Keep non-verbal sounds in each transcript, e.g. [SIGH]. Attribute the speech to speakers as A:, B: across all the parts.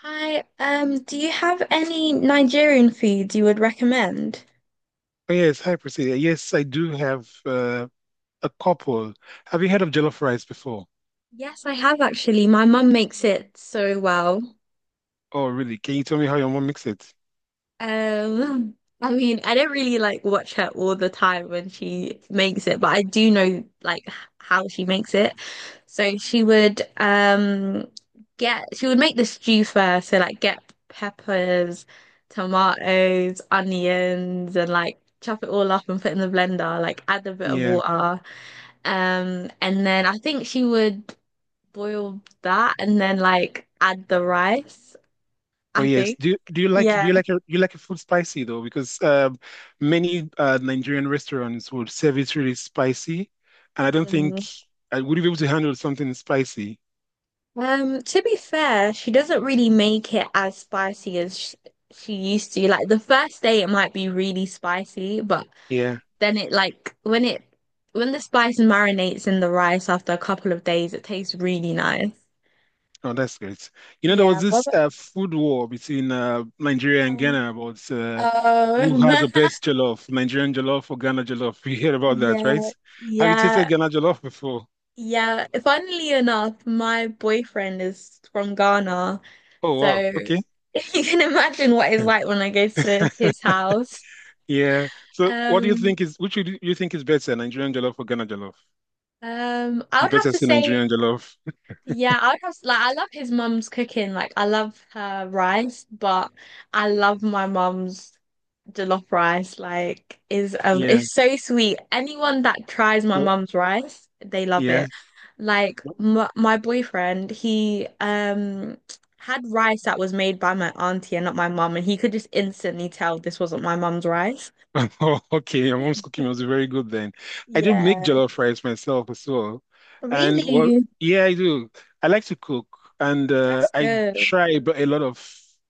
A: Hi, do you have any Nigerian foods you would recommend?
B: Yes, hi Priscilla. Yes, I do have a couple. Have you heard of jollof rice before?
A: Yes, I have actually. My mum makes it so well.
B: Oh, really? Can you tell me how your mom makes it?
A: Um, [LAUGHS] I mean, I don't really like watch her all the time when she makes it, but I do know how she makes it. So she would get she would make the stew first, so like get peppers, tomatoes, onions, and like chop it all up and put in the blender, like add a bit of
B: Yeah.
A: water. And then I think she would boil that and then like add the rice,
B: Oh,
A: I
B: yes.
A: think.
B: Do
A: Yeah.
B: you like your food spicy though? Because many Nigerian restaurants would serve it really spicy, and I don't think
A: Mm.
B: I would you be able to handle something spicy.
A: To be fair, she doesn't really make it as spicy as she used to. Like the first day it might be really spicy, but
B: Yeah.
A: then it like when it when the spice marinates in the rice after a couple of days, it tastes really nice.
B: Oh, that's great. You know, there
A: Yeah,
B: was
A: what
B: this
A: about,
B: food war between Nigeria and
A: um,
B: Ghana about who has the
A: oh,
B: best jollof, Nigerian jollof or Ghana jollof. You hear
A: [LAUGHS]
B: about that, right?
A: yeah,
B: Have you tasted
A: yeah.
B: Ghana jollof before?
A: Yeah, funnily enough, my boyfriend is from Ghana,
B: Oh, wow.
A: so
B: Okay.
A: [LAUGHS] you can imagine what it's like when I go to his
B: [LAUGHS]
A: house.
B: Yeah. So, what do you
A: Um,
B: think is which would you think is better, Nigerian jollof or Ghana jollof?
A: I
B: You
A: would have
B: better
A: to
B: say
A: say,
B: Nigerian jollof. [LAUGHS]
A: yeah, I would have like I love his mum's cooking. Like I love her rice, but I love my mum's jollof rice like is
B: Yeah.
A: it's so sweet. Anyone that tries my
B: So,
A: mum's rice, they love
B: yeah.
A: it. Like my boyfriend, he had rice that was made by my auntie and not my mum, and he could just instantly tell this wasn't my mum's rice.
B: [LAUGHS] Oh, okay, your mom's cooking was
A: [LAUGHS]
B: very good then. I do make
A: Yeah.
B: jollof rice myself as well. And well,
A: Really?
B: yeah, I do. I like to cook and
A: That's
B: I
A: good.
B: try, but a lot of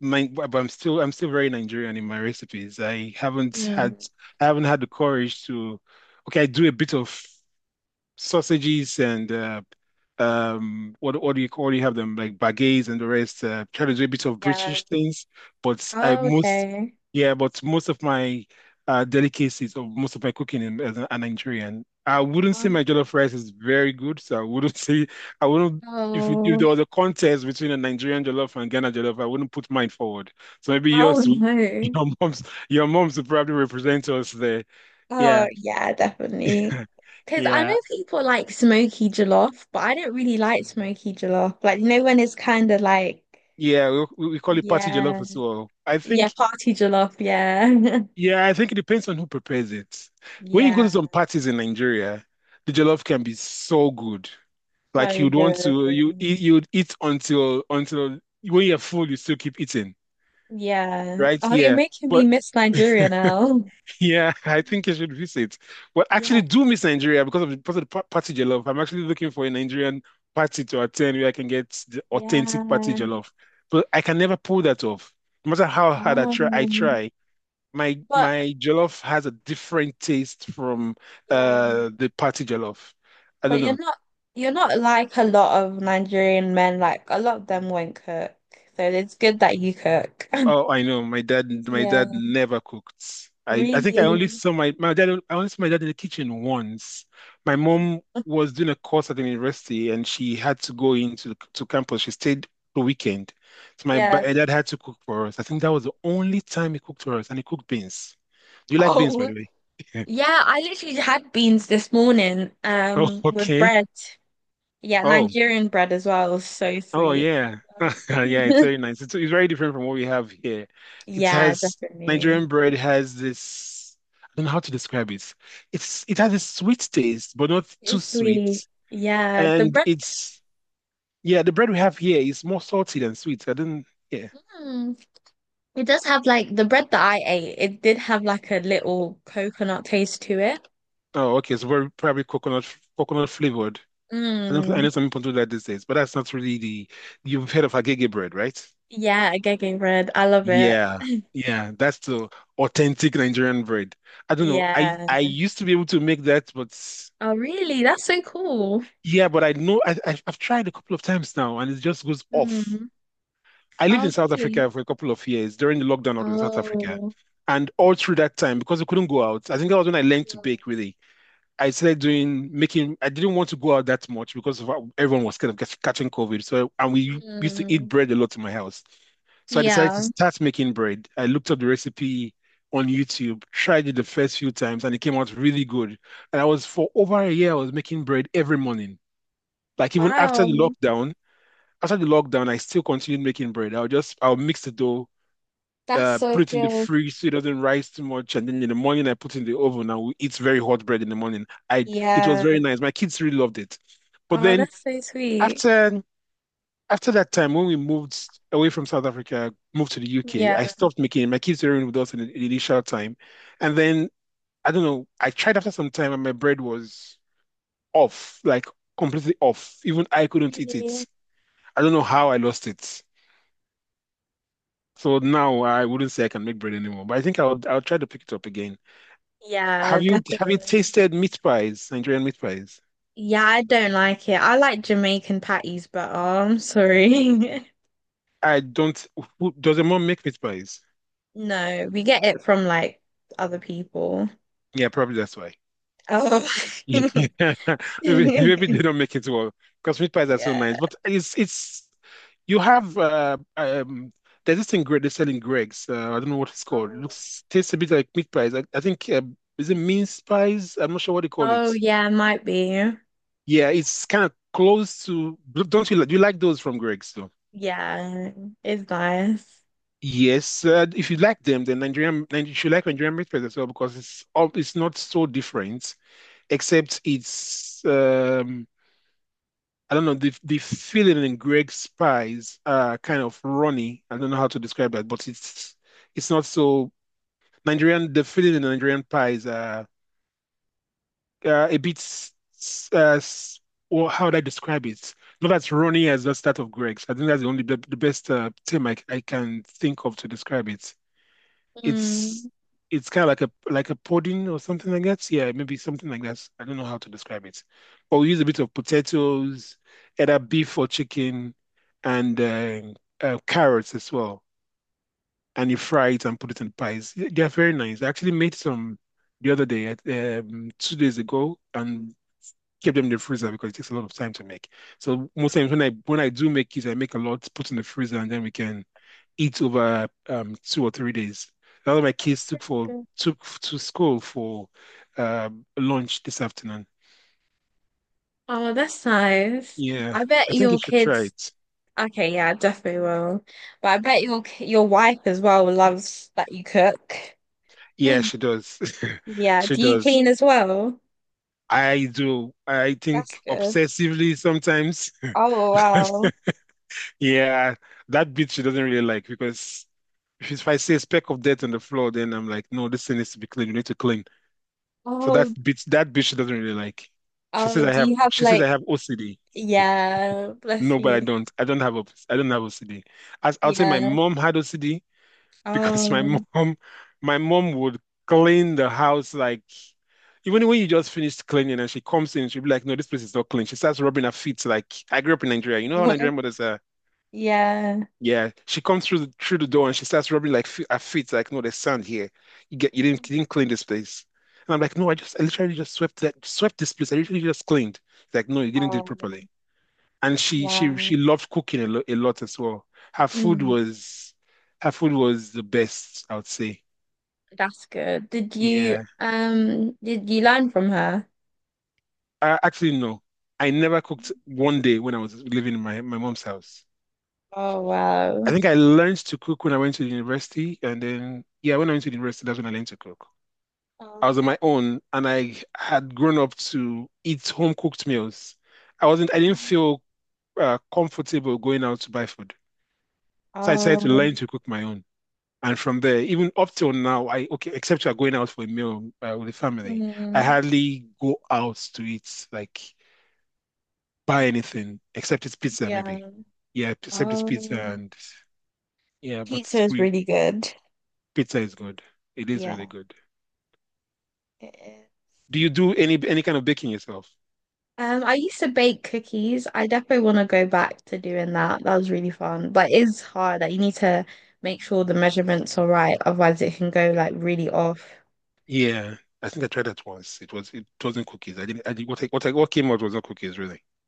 B: my but I'm still very Nigerian in my recipes.
A: Mm,
B: I haven't had the courage to, okay, I do a bit of sausages and what do you call, you have them like baguettes and the rest, try to do a bit of
A: yeah.
B: British things but I
A: Oh,
B: most
A: okay.
B: yeah, but most of my delicacies, or most of my cooking in, as a Nigerian, I wouldn't say
A: Oh,
B: my jollof rice is very good, so I wouldn't [LAUGHS] say I wouldn't. If if
A: no.
B: there was a contest between a Nigerian jollof and Ghana jollof, I wouldn't put mine forward, so maybe
A: Oh,
B: yours will- [LAUGHS]
A: no.
B: your mom's your mom's will probably represent us there.
A: Oh
B: Yeah.
A: yeah, definitely.
B: [LAUGHS]
A: Because I
B: Yeah.
A: know people like smoky jollof, but I don't really like smoky jollof. Like, you know, when it's kind of like,
B: Yeah, we call it party jollof
A: yeah,
B: as well. I
A: yeah,
B: think,
A: party jollof, yeah. [LAUGHS]
B: yeah, I think it depends on who prepares it. When you go
A: Yeah,
B: to some parties in Nigeria, the jollof can be so good. Like
A: so
B: you'd want
A: good.
B: to, you eat, you'd eat until when you're full, you still keep eating,
A: Yeah.
B: right?
A: Oh, you're
B: Yeah,
A: making me
B: but
A: miss Nigeria now.
B: yeah, [LAUGHS] I
A: [LAUGHS]
B: think you should visit. But
A: Yeah,
B: actually, do miss Nigeria because of the party jollof. I'm actually looking for a Nigerian party to attend where I can get the authentic party
A: yeah.
B: jollof, but I can never pull that off. No matter how hard I try, I
A: Um,
B: try. My
A: but
B: my jollof has a different taste from
A: yeah,
B: the party jollof. I don't
A: but you're
B: know.
A: not like a lot of Nigerian men, like a lot of them won't cook. So it's good that you cook.
B: Oh, I know. My dad my
A: [LAUGHS] Yeah,
B: dad never cooked. I think
A: really.
B: I only saw my dad in the kitchen once. My mom was doing a course at the university and she had to go into to campus. She stayed the weekend. So
A: Yeah.
B: my dad had to cook for us. I think that was the only time he cooked for us, and he cooked beans. Do you like beans, by
A: Oh,
B: the way? [LAUGHS]
A: yeah. I literally had beans this morning,
B: Oh,
A: with
B: okay.
A: bread. Yeah,
B: Oh.
A: Nigerian bread as well. So
B: Oh
A: sweet.
B: yeah, [LAUGHS] yeah, it's
A: [LAUGHS]
B: very nice. It's very different from what we have here. It
A: Yeah,
B: has
A: definitely.
B: Nigerian bread has this. I don't know how to describe it. It has a sweet taste, but not too
A: It's sweet.
B: sweet.
A: Yeah, the
B: And
A: bread.
B: it's yeah, the bread we have here is more salty than sweet. I don't Yeah.
A: Mm, it does have like the bread that I ate. It did have like a little coconut taste to it.
B: Oh, okay, it's very probably coconut flavored. I
A: Mm,
B: know some people do that these days, but that's not really the. You've heard of agege bread, right?
A: yeah, agege bread. I love it.
B: Yeah, yeah, that's the authentic Nigerian bread. I don't know. I
A: Yeah.
B: I used to be able to make that, but
A: Oh, really? That's so cool.
B: yeah, but I know, I've tried a couple of times now, and it just goes off.
A: Mm.
B: I lived
A: Oh,
B: in South
A: really?
B: Africa for a couple of years during the lockdown out in South Africa,
A: Oh.
B: and all through that time because we couldn't go out. I think that was when I learned to bake really. I started doing making. I didn't want to go out that much because of how everyone was kind of catching COVID. So and we used to eat
A: Mm,
B: bread a lot in my house. So I decided to
A: yeah.
B: start making bread. I looked up the recipe on YouTube, tried it the first few times, and it came out really good. And I was for over a year, I was making bread every morning. Like even
A: Wow.
B: after the lockdown, I still continued making bread. I'll mix the dough,
A: That's so
B: put it in the
A: good.
B: fridge so it doesn't rise too much. And then in the morning, I put it in the oven and we eat very hot bread in the morning. I It was very
A: Yeah.
B: nice. My kids really loved it. But
A: Oh,
B: then
A: that's so sweet.
B: after that time, when we moved away from South Africa, moved to the UK,
A: Yeah.
B: I stopped making it. My kids were with us in the initial time, and then I don't know. I tried after some time, and my bread was off, like completely off. Even I couldn't eat it.
A: Really?
B: I don't know how I lost it. So now I wouldn't say I can make bread anymore, but I think I'll try to pick it up again.
A: Yeah,
B: Have you
A: definitely.
B: tasted meat pies, Nigerian meat pies?
A: Yeah, I don't like it. I like Jamaican patties, but oh, I'm sorry. [LAUGHS]
B: I don't. Who, does your mom make meat pies?
A: No, we get it from like other people.
B: Yeah, probably that's why.
A: Oh.
B: Yeah.
A: [LAUGHS]
B: [LAUGHS] Maybe, maybe they don't make it well because meat pies are so nice.
A: Yeah.
B: But it's you have there's this thing great they sell in Greg's. I don't know what it's called. It
A: Oh.
B: looks tastes a bit like meat pies. I think, is it mince pies? I'm not sure what they call
A: Oh,
B: it.
A: yeah, might be.
B: Yeah, it's kind of close to. Don't you like, do you like those from Greg's?
A: Yeah, it's nice.
B: Yes, if you like them, then you should like Nigerian breakfast as well because it's not so different, except it's I don't know the filling in Greg's pies are kind of runny. I don't know how to describe that, but it's not so Nigerian. The filling in Nigerian pies are a bit or how would I describe it? Not as runny as the start of Greg's. I think that's the best term I can think of to describe it. it's
A: Mm.
B: it's kind of like a pudding or something like that. Yeah, maybe something like that. I don't know how to describe it. But we use a bit of potatoes, either beef or chicken, and carrots as well. And you fry it and put it in pies. They are very nice. I actually made some the other day, 2 days ago, and kept them in the freezer because it takes a lot of time to make. So most times when I do make it, I make a lot, put in the freezer, and then we can eat over 2 or 3 days. That's what my kids
A: That's really good.
B: took to school for lunch this afternoon.
A: Oh, that's nice.
B: Yeah,
A: I bet
B: I think you
A: your
B: should try
A: kids.
B: it.
A: Okay, yeah, I definitely will. But I bet your wife as well loves that you cook.
B: Yeah,
A: [LAUGHS]
B: she does. [LAUGHS]
A: Yeah.
B: She
A: Do you
B: does.
A: clean as well?
B: I do. I
A: That's
B: think
A: good.
B: obsessively sometimes.
A: Oh wow.
B: [LAUGHS] Yeah, that bit she doesn't really like because if I say a speck of dirt on the floor, then I'm like, no, this thing needs to be clean. We need to clean. So
A: Oh
B: that bit she doesn't really like. She says
A: oh.
B: I
A: Do
B: have.
A: you have
B: She says
A: like?
B: I have OCD.
A: Yeah. Bless
B: No, but I
A: you.
B: don't. I don't have OCD. As I'll say, my
A: Yeah.
B: mom had OCD [LAUGHS] because
A: Oh.
B: my mom would clean the house like even when you just finished cleaning and she comes in, she'll be like, "No, this place is not clean." She starts rubbing her feet, like, I grew up in Nigeria. You know how
A: [LAUGHS]
B: Nigerian mothers are.
A: Yeah.
B: Yeah, she comes through through the door and she starts rubbing like fe her feet like, "No, there's sand here. You didn't you didn't clean this place." And I'm like, "No, I literally just swept this place. I literally just cleaned." Like, "No, you didn't do it
A: Oh
B: properly." and she she
A: wow.
B: she loved cooking a lot as well. Her food
A: Mm,
B: was Her food was the best, I would say.
A: that's good.
B: Yeah.
A: Did you learn from her?
B: Actually, no. I never cooked one day when I was living in my mom's house.
A: Oh
B: I
A: wow.
B: think I learned to cook when I went to the university, and then yeah, when I went to the university, that's when I learned to cook. I
A: Oh.
B: was on my own, and I had grown up to eat home cooked meals. I didn't
A: Um,
B: feel comfortable going out to buy food, so I decided to learn to cook my own. And from there, even up till now, I okay, except you are going out for a meal with the family, I
A: mm,
B: hardly go out to eat, like buy anything except it's pizza,
A: yeah.
B: maybe. Yeah, except it's pizza
A: um,
B: and yeah,
A: pizza
B: but
A: is
B: we
A: really good.
B: pizza is good. It is
A: Yeah,
B: really good.
A: it is.
B: Do you do any kind of baking yourself?
A: I used to bake cookies. I definitely want to go back to doing that. That was really fun, but it's hard. Like you need to make sure the measurements are right, otherwise it can go like really off.
B: Yeah, I think I tried that once. It wasn't cookies. I didn't. I did what came out was not cookies really. It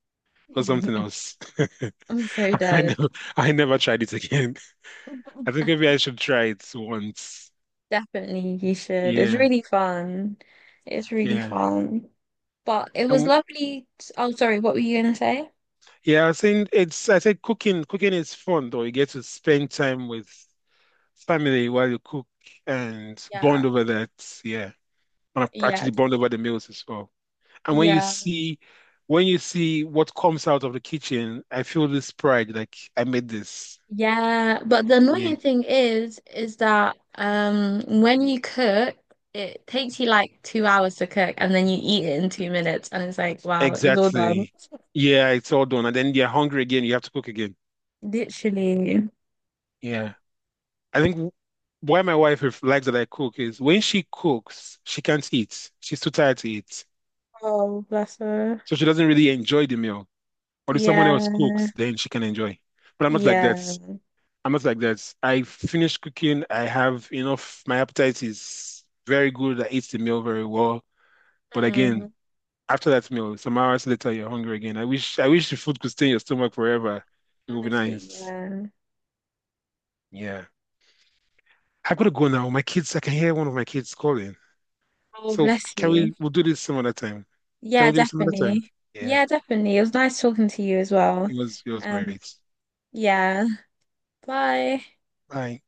B: was something
A: [LAUGHS]
B: else. [LAUGHS]
A: I'm so
B: I
A: dead.
B: never I never tried it again. [LAUGHS] I
A: [LAUGHS]
B: think maybe I should try it once.
A: Definitely, you should. It's
B: Yeah,
A: really fun. It's really
B: yeah.
A: fun. But it was
B: And
A: lovely. Oh, sorry. What were you gonna say?
B: yeah, I was saying it's I said cooking is fun though. You get to spend time with family while you cook and bond
A: Yeah.
B: over that. Yeah. And
A: Yeah.
B: actually bond over the meals as well. And when
A: Yeah.
B: when you see what comes out of the kitchen, I feel this pride, like I made this.
A: Yeah. But the
B: Yeah.
A: annoying thing is, that when you cook, it takes you like 2 hours to cook and then you eat it in 2 minutes and it's like, wow, it's all done.
B: Exactly. Yeah, it's all done. And then you're hungry again, you have to cook again.
A: Literally.
B: Yeah. I think why my wife likes that I cook is when she cooks, she can't eat. She's too tired to eat.
A: Oh, bless her.
B: So she doesn't really enjoy the meal. But if someone else
A: Yeah.
B: cooks, then she can enjoy. But I'm not like that.
A: Yeah.
B: I'm not like that. I finish cooking. I have enough. My appetite is very good. I eat the meal very well. But again,
A: Mm,
B: after that meal, some hours later, you're hungry again. I wish the food could stay in your stomach forever. It would be
A: honestly,
B: nice.
A: yeah.
B: Yeah. I gotta go now. My kids, I can hear one of my kids calling.
A: Oh,
B: So
A: bless you.
B: we'll do this some other time. Can
A: Yeah,
B: we do this some other time?
A: definitely.
B: Yeah.
A: Yeah, definitely. It was nice talking to you as well.
B: It was
A: Um,
B: great.
A: yeah. Bye.
B: Bye.